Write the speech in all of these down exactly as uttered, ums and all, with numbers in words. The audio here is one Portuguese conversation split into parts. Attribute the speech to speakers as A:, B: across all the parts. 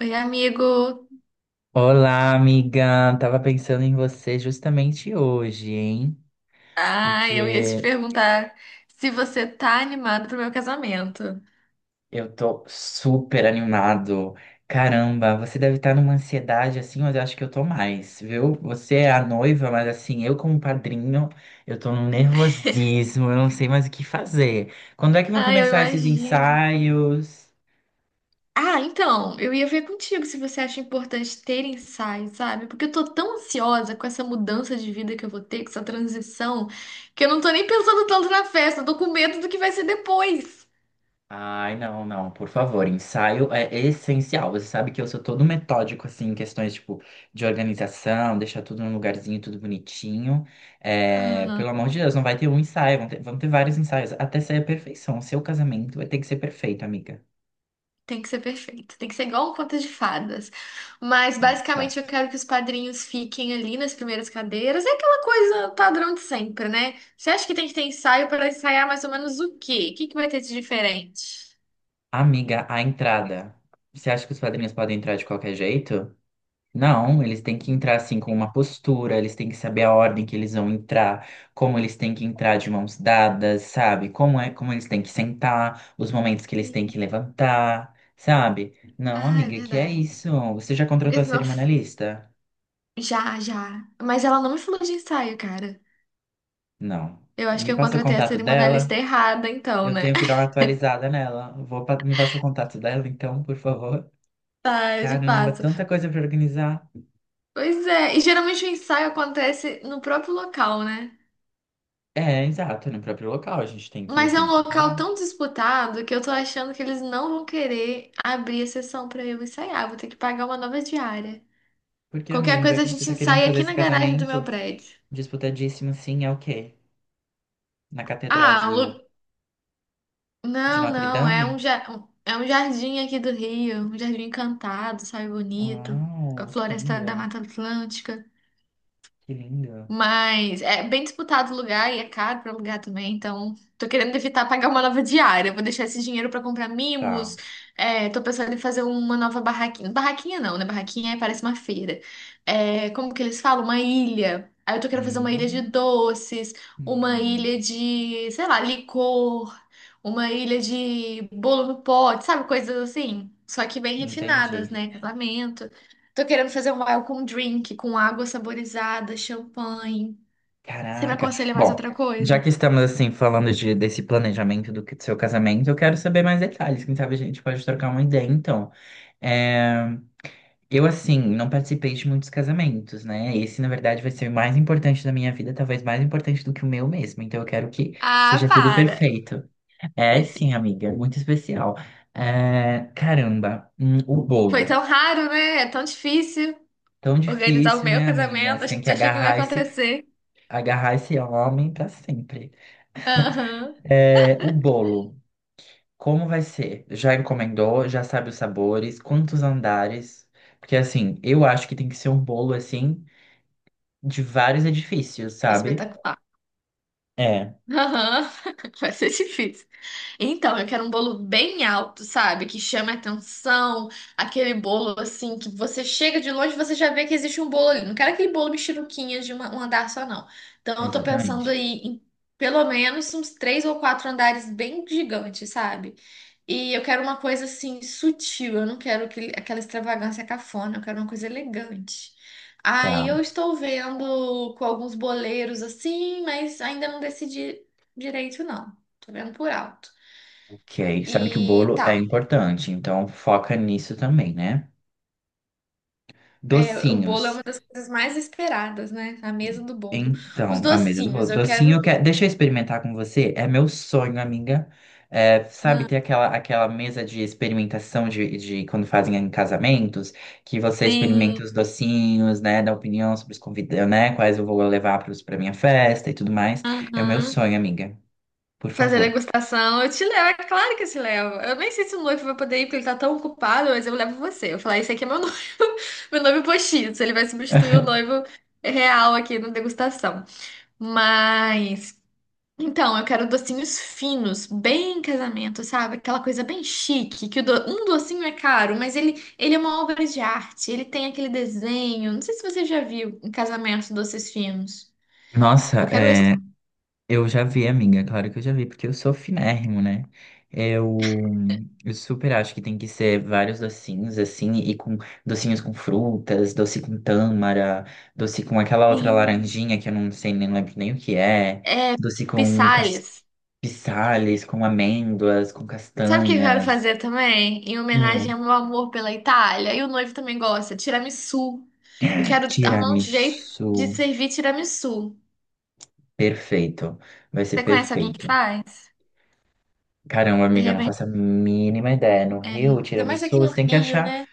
A: Oi, amigo.
B: Olá, amiga. Tava pensando em você justamente hoje, hein?
A: Ah, eu ia te
B: Porque
A: perguntar se você tá animado pro meu casamento.
B: eu tô super animado. Caramba, você deve estar numa ansiedade assim, mas eu acho que eu tô mais, viu? Você é a noiva, mas assim, eu como padrinho, eu tô num nervosismo, eu não sei mais o que fazer. Quando é que vão
A: Ah, eu
B: começar esses
A: imagino.
B: ensaios?
A: Ah, então, eu ia ver contigo se você acha importante ter ensaios, sabe? Porque eu tô tão ansiosa com essa mudança de vida que eu vou ter, com essa transição, que eu não tô nem pensando tanto na festa, eu tô com medo do que vai ser depois.
B: Ai, não, não, por favor, ensaio é essencial. Você sabe que eu sou todo metódico, assim, em questões, tipo, de organização, deixar tudo num lugarzinho, tudo bonitinho. É, pelo amor de Deus, não vai ter um ensaio, vão ter, vão ter vários ensaios, até sair a perfeição. O seu casamento vai ter que ser perfeito, amiga.
A: Tem que ser perfeito. Tem que ser igual um conto de fadas. Mas basicamente eu
B: Exato.
A: quero que os padrinhos fiquem ali nas primeiras cadeiras. É aquela coisa padrão de sempre, né? Você acha que tem que ter ensaio para ensaiar mais ou menos o quê? O que que vai ter de diferente?
B: Amiga, a entrada. Você acha que os padrinhos podem entrar de qualquer jeito? Não, eles têm que entrar assim com uma postura, eles têm que saber a ordem que eles vão entrar, como eles têm que entrar de mãos dadas, sabe? Como é, como eles têm que sentar, os momentos que eles têm
A: Hum.
B: que levantar, sabe? Não,
A: Ah, é
B: amiga, que é
A: verdade.
B: isso? Você já
A: Porque
B: contratou a
A: senão.
B: cerimonialista?
A: Já, já. Mas ela não me falou de ensaio, cara.
B: Não.
A: Eu acho que
B: Me
A: eu
B: passa o
A: contratei a
B: contato dela,
A: cerimonialista errada, então,
B: eu
A: né?
B: tenho que dar uma atualizada nela. Vou pa- me passa o contato dela, então, por favor.
A: Tá, eu te
B: Caramba,
A: passo.
B: tanta coisa para organizar.
A: Pois é. E geralmente o ensaio acontece no próprio local, né?
B: É, exato, no próprio local, a gente tem que,
A: Mas é
B: tem
A: um
B: que ir pra
A: local
B: lá.
A: tão disputado que eu tô achando que eles não vão querer abrir a sessão pra eu ensaiar. Vou ter que pagar uma nova diária.
B: Porque,
A: Qualquer
B: amigo, já
A: coisa a
B: que você
A: gente
B: tá querendo
A: ensaia
B: fazer
A: aqui
B: esse
A: na garagem do meu
B: casamento
A: prédio.
B: disputadíssimo, assim, é o quê? Na Catedral
A: Ah,
B: de,
A: Lu...
B: de
A: não,
B: Notre
A: não, é
B: Dame?
A: um, ja- é um jardim aqui do Rio, um jardim encantado, sabe, bonito, com a
B: Uau, que
A: floresta da
B: linda,
A: Mata Atlântica.
B: que linda.
A: Mas é bem disputado o lugar e é caro para alugar também, então tô querendo evitar pagar uma nova diária. Vou deixar esse dinheiro para comprar mimos.
B: Tá.
A: É, tô pensando em fazer uma nova barraquinha. Barraquinha não, né? Barraquinha é- parece uma feira. É, como que eles falam? Uma ilha. Aí eu tô querendo fazer uma ilha de
B: Hum,
A: doces, uma
B: hum,
A: ilha de, sei lá, licor, uma ilha de bolo no pote, sabe? Coisas assim. Só que bem refinadas,
B: entendi.
A: né? Casamento. Tô querendo fazer um welcome drink com água saborizada, champanhe. Você me
B: Caraca.
A: aconselha mais
B: Bom,
A: outra
B: já
A: coisa?
B: que estamos, assim, falando de, desse planejamento do que- do seu casamento, eu quero saber mais detalhes. Quem sabe a gente pode trocar uma ideia, então. É, eu, assim, não participei de muitos casamentos, né? Esse, na verdade, vai ser o mais importante da minha vida, talvez mais importante do que o meu mesmo. Então, eu quero que
A: Ah,
B: seja tudo
A: para!
B: perfeito. É, sim, amiga, muito especial. É, caramba, hum, o
A: Foi
B: bolo.
A: tão raro, né? É tão difícil
B: Tão
A: organizar o
B: difícil,
A: meu
B: né, amiga?
A: casamento.
B: Você
A: A
B: tem
A: gente
B: que
A: achou que não ia
B: agarrar esse,
A: acontecer.
B: agarrar esse homem pra sempre.
A: Aham.
B: É, o bolo, como vai ser? Já encomendou? Já sabe os sabores? Quantos andares? Porque, assim, eu acho que tem que ser um bolo, assim, de vários edifícios, sabe?
A: Espetacular.
B: É,
A: Aham. Vai ser difícil. Então, eu quero um bolo bem alto, sabe? Que chame a atenção. Aquele bolo assim que você chega de longe e você já vê que existe um bolo ali. Não quero aquele bolo mexeruquinha de uma- um andar só, não. Então, eu tô pensando
B: exatamente.
A: aí em pelo menos uns três ou quatro andares bem gigantes, sabe? E eu quero uma coisa assim sutil. Eu não quero aquele- aquela extravagância cafona. Eu quero uma coisa elegante. Aí
B: Tá,
A: eu estou vendo com alguns boleiros assim, mas ainda não decidi direito não, tô vendo por alto.
B: ok. Sabe que o
A: E
B: bolo é
A: tá,
B: importante, então foca nisso também, né?
A: é, o
B: Docinhos.
A: bolo é uma das coisas mais esperadas, né? A mesa do bolo. Os
B: Então, a mesa do
A: docinhos,
B: bolo.
A: eu
B: Docinho, eu
A: quero.
B: quero... deixa eu experimentar com você. É meu sonho, amiga. É, sabe, ter aquela, aquela mesa de experimentação de, de quando fazem em casamentos, que você experimenta
A: Sim.
B: os docinhos, né? Dá opinião sobre os convidados, né? Quais eu vou levar pros- pra minha festa e tudo mais. É o meu
A: Uhum.
B: sonho, amiga. Por
A: Fazer
B: favor.
A: degustação. Eu te levo, é claro que eu te levo. Eu nem sei se o noivo vai poder ir, porque ele tá tão ocupado, mas eu levo você. Eu falar, esse aqui é meu noivo, meu noivo postiço. Ele vai substituir o noivo real aqui na degustação. Mas. Então, eu quero docinhos finos, bem casamento, sabe? Aquela coisa bem chique, que o do- um docinho é caro, mas ele, ele é uma obra de arte, ele tem aquele desenho. Não sei se você já viu em casamento doces finos.
B: Nossa,
A: Eu quero esse.
B: é. Eu já vi, amiga, claro que eu já vi, porque eu sou finérrimo, né? Eu, eu super acho que tem que ser vários docinhos, assim, e com docinhos com frutas, doce com tâmara, doce com aquela outra
A: Sim.
B: laranjinha que eu não sei, nem lembro nem o que é,
A: É,
B: doce com cas-
A: pissalhas.
B: pisales, com amêndoas, com
A: Sabe o que eu quero
B: castanhas.
A: fazer também? Em homenagem
B: Hum,
A: ao meu amor pela Itália, e o noivo também gosta, tiramisu. Eu quero arrumar um jeito de
B: tiramisu,
A: servir tiramisu.
B: perfeito. Vai ser
A: Você conhece alguém que
B: perfeito.
A: faz?
B: Caramba,
A: De
B: amiga, eu não
A: repente,
B: faço a mínima ideia. No
A: é...
B: Rio,
A: ainda mais
B: tiramisu,
A: aqui no
B: você tem que
A: Rio,
B: achar
A: né?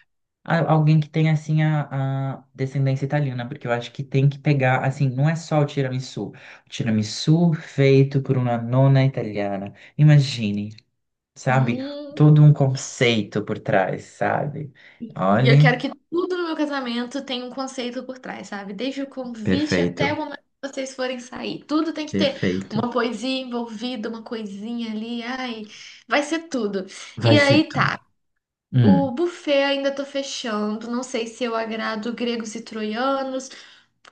B: a- alguém que tem assim, a, a descendência italiana, porque eu acho que tem que pegar, assim, não é só o tiramisu. O tiramisu feito por uma nona italiana. Imagine, sabe?
A: Hum.
B: Todo um conceito por trás, sabe?
A: E eu
B: Olha,
A: quero que tudo no meu casamento tenha um conceito por trás, sabe? Desde o convite até o
B: perfeito,
A: momento que vocês forem sair. Tudo tem que ter uma
B: perfeito.
A: poesia envolvida, uma coisinha ali. Ai, vai ser tudo.
B: Vai
A: E
B: ser
A: aí
B: tudo.
A: tá. O
B: Hum,
A: buffet ainda tô fechando. Não sei se eu agrado gregos e troianos.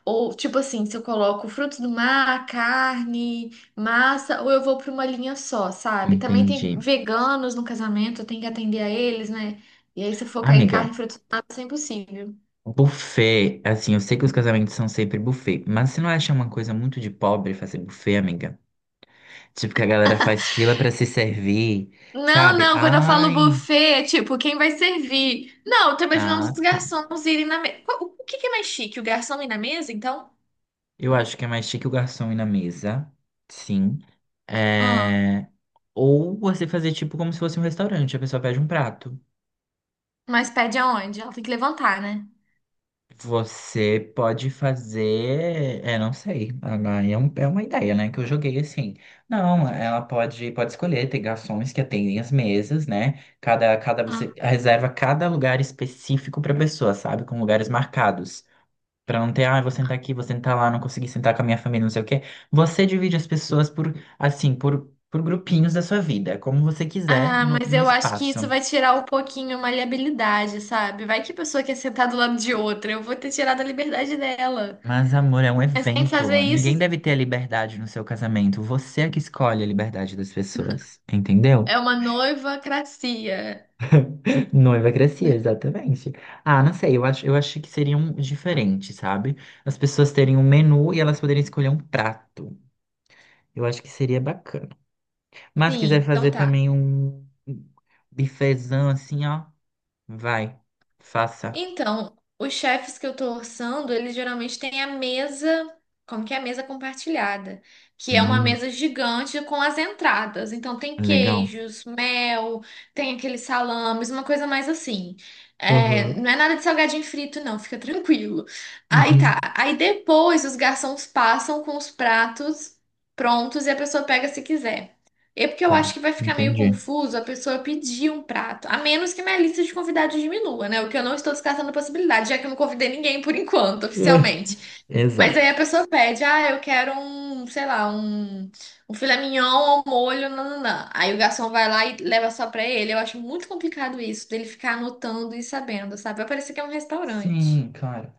A: Ou, tipo assim, se eu coloco frutos do mar, carne, massa, ou eu vou pra uma linha só, sabe? Também
B: entendi.
A: tem veganos no casamento, eu tenho que atender a eles, né? E aí, se eu focar em carne
B: Amiga,
A: e frutos do mar, isso é impossível.
B: buffet, assim, eu sei que os casamentos são sempre buffet, mas você não acha uma coisa muito de pobre fazer buffet, amiga? Tipo que a galera faz fila pra se servir,
A: Não,
B: sabe?
A: não, quando eu falo
B: Ai,
A: buffet, é tipo, quem vai servir? Não, eu tô imaginando
B: ah,
A: os
B: tá.
A: garçons irem na mesa. O o que que é mais chique? O garçom ir na mesa, então?
B: Eu acho que é mais chique o garçom ir na mesa, sim.
A: Ah,
B: É... ou você fazer tipo como se fosse um restaurante, a pessoa pede um prato.
A: mas pede aonde? Ela tem que levantar, né?
B: Você pode fazer, é, não sei, agora é, um- é uma ideia, né, que eu joguei assim. Não, ela pode, pode escolher, tem garçons que atendem as mesas, né? Cada, cada você reserva cada lugar específico para pessoa, sabe? Com lugares marcados. Pra não ter, ah, eu vou sentar aqui, vou sentar lá, não consegui sentar com a minha família, não sei o quê. Você divide as pessoas por, assim, por, por grupinhos da sua vida, como você quiser,
A: Ah,
B: no,
A: mas
B: no
A: eu acho que isso
B: espaço.
A: vai tirar um pouquinho a maleabilidade, sabe? Vai que a pessoa quer sentar do lado de outra, eu vou ter tirado a liberdade dela.
B: Mas, amor, é um
A: Mas sem
B: evento.
A: fazer
B: Ninguém
A: isso,
B: deve ter a liberdade no seu casamento. Você é que escolhe a liberdade das pessoas, entendeu?
A: é uma noivacracia.
B: Noiva crescia, exatamente. Ah, não sei, eu acho, eu acho que seria um diferente, sabe? As pessoas terem um menu e elas poderem escolher um prato. Eu acho que seria bacana. Mas
A: Sim,
B: quiser
A: então
B: fazer
A: tá.
B: também um um bifezão assim, ó, vai, faça.
A: Então, os chefes que eu tô orçando, eles geralmente têm a mesa, como que é a mesa compartilhada, que é uma
B: Hum,
A: mesa gigante com as entradas. Então tem
B: Legal.
A: queijos, mel, tem aqueles salames, uma coisa mais assim. É,
B: Uhum.
A: não é nada de salgadinho frito, não, fica tranquilo. Aí
B: Uhum.
A: tá. Aí depois os garçons passam com os pratos prontos e a pessoa pega se quiser. É porque eu
B: Tá,
A: acho que vai ficar meio
B: entendi.
A: confuso a pessoa pedir um prato, a menos que minha lista de convidados diminua, né? O que eu não estou descartando a possibilidade, já que eu não convidei ninguém por enquanto, oficialmente.
B: É,
A: Mas aí a
B: exato.
A: pessoa pede, ah, eu quero um, sei lá, um, um filé mignon ao molho, nananã. Aí o garçom vai lá e leva só pra ele. Eu acho muito complicado isso, dele ficar anotando e sabendo, sabe? Vai parecer que é um restaurante.
B: Sim, claro.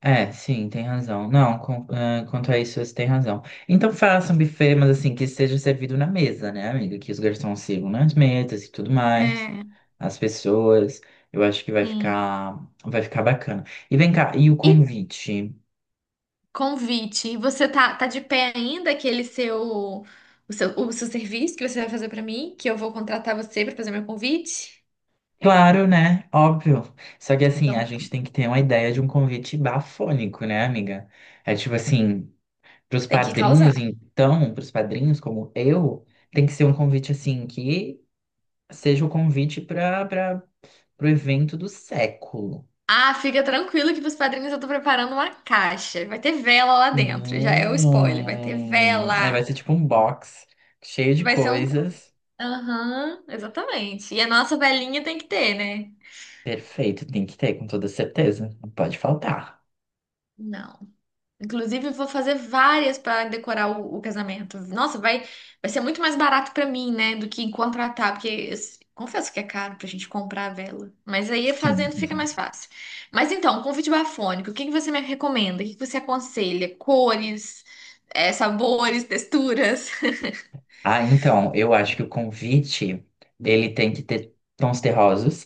B: É, sim, tem razão. Não, com- é, quanto a isso, você tem razão. Então faça um buffet, mas assim, que seja servido na mesa, né, amiga? Que os garçons sirvam nas mesas e tudo mais.
A: É,
B: As pessoas. Eu acho que vai
A: sim.
B: ficar, vai ficar bacana. E vem cá, e o
A: E
B: convite?
A: convite. E você tá, tá de pé ainda aquele seu o seu, o seu serviço que você vai fazer pra mim, que eu vou contratar você pra fazer meu convite?
B: Claro, né? Óbvio. Só que assim, a
A: Então, tá.
B: gente tem que ter uma ideia de um convite bafônico, né, amiga? É tipo assim, pros
A: Tem que causar.
B: padrinhos, então, pros padrinhos como eu, tem que ser um convite assim que seja o convite para para pro evento do século.
A: Ah, fica tranquilo que pros padrinhos eu tô preparando uma caixa. Vai ter vela lá dentro. Já é o spoiler. Vai ter
B: Hum. É,
A: vela.
B: vai ser tipo um box cheio de
A: Vai ser um.
B: coisas.
A: Aham, exatamente. E a nossa velinha tem que ter, né?
B: Perfeito, tem que ter, com toda certeza. Não pode faltar.
A: Não. Inclusive, eu vou fazer várias para decorar o, o casamento. Nossa, vai, vai ser muito mais barato para mim, né, do que contratar, porque eu s- confesso que é caro pra gente comprar a vela. Mas aí
B: Sim.
A: fazendo fica mais fácil. Mas então, um convite bafônico, o que que você me recomenda? O que que você aconselha? Cores, eh, sabores, texturas?
B: Ah, então, eu acho que o convite, ele tem que ter tons terrosos.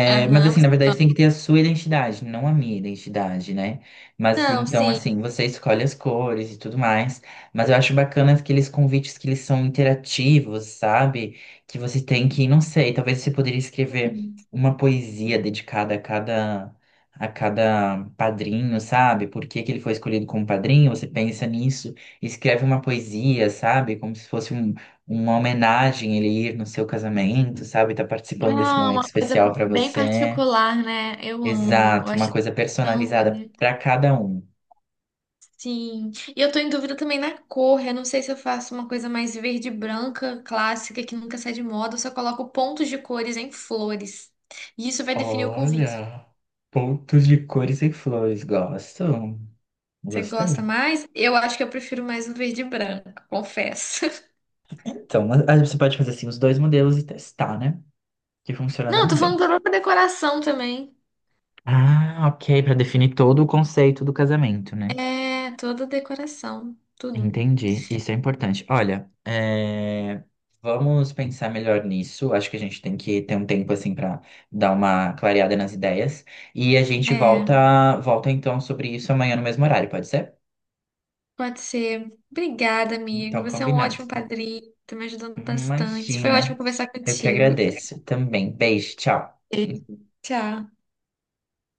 B: mas
A: Aham,
B: assim,
A: você
B: na verdade, tem que
A: não.
B: ter a sua identidade, não a minha identidade, né? Mas
A: Não,
B: então,
A: sim.
B: assim, você escolhe as cores e tudo mais. Mas eu acho bacana aqueles convites que eles são interativos, sabe? Que você tem que, não sei, talvez você poderia escrever uma poesia dedicada a cada a cada padrinho, sabe? Por que que ele foi escolhido como padrinho? Você pensa nisso, escreve uma poesia, sabe? Como se fosse um uma homenagem ele ir no seu casamento, sabe? Tá
A: É
B: participando desse momento
A: uma coisa
B: especial pra
A: bem
B: você.
A: particular, né? Eu amo. Eu
B: Exato, uma
A: acho
B: coisa
A: tão
B: personalizada
A: bonito.
B: pra cada um.
A: Sim, e eu tô em dúvida também na cor. Eu não sei se eu faço uma coisa mais verde e branca, clássica, que nunca sai de moda, ou se eu coloco pontos de cores em flores. E isso vai definir o convite.
B: Olha, pontos de cores e flores, gosto.
A: Você gosta
B: Gostei.
A: mais? Eu acho que eu prefiro mais o verde e branco, confesso.
B: Então, mas aí você pode fazer assim os dois modelos e testar, né? Que funciona
A: Não, eu tô
B: também bem.
A: falando da própria decoração também.
B: Ah, ok, pra definir todo o conceito do casamento, né?
A: É, toda decoração, tudo.
B: Entendi, isso é importante. Olha, é, vamos pensar melhor nisso. Acho que a gente tem que ter um tempo assim para dar uma clareada nas ideias e a gente
A: É,
B: volta, volta então sobre isso amanhã no mesmo horário, pode ser?
A: pode ser. Obrigada, amigo.
B: Então,
A: Você é um
B: combinado.
A: ótimo padrinho, tá me ajudando bastante. Foi
B: Imagina,
A: ótimo conversar
B: eu que
A: contigo.
B: agradeço também. Beijo, tchau.
A: Beijo, tchau.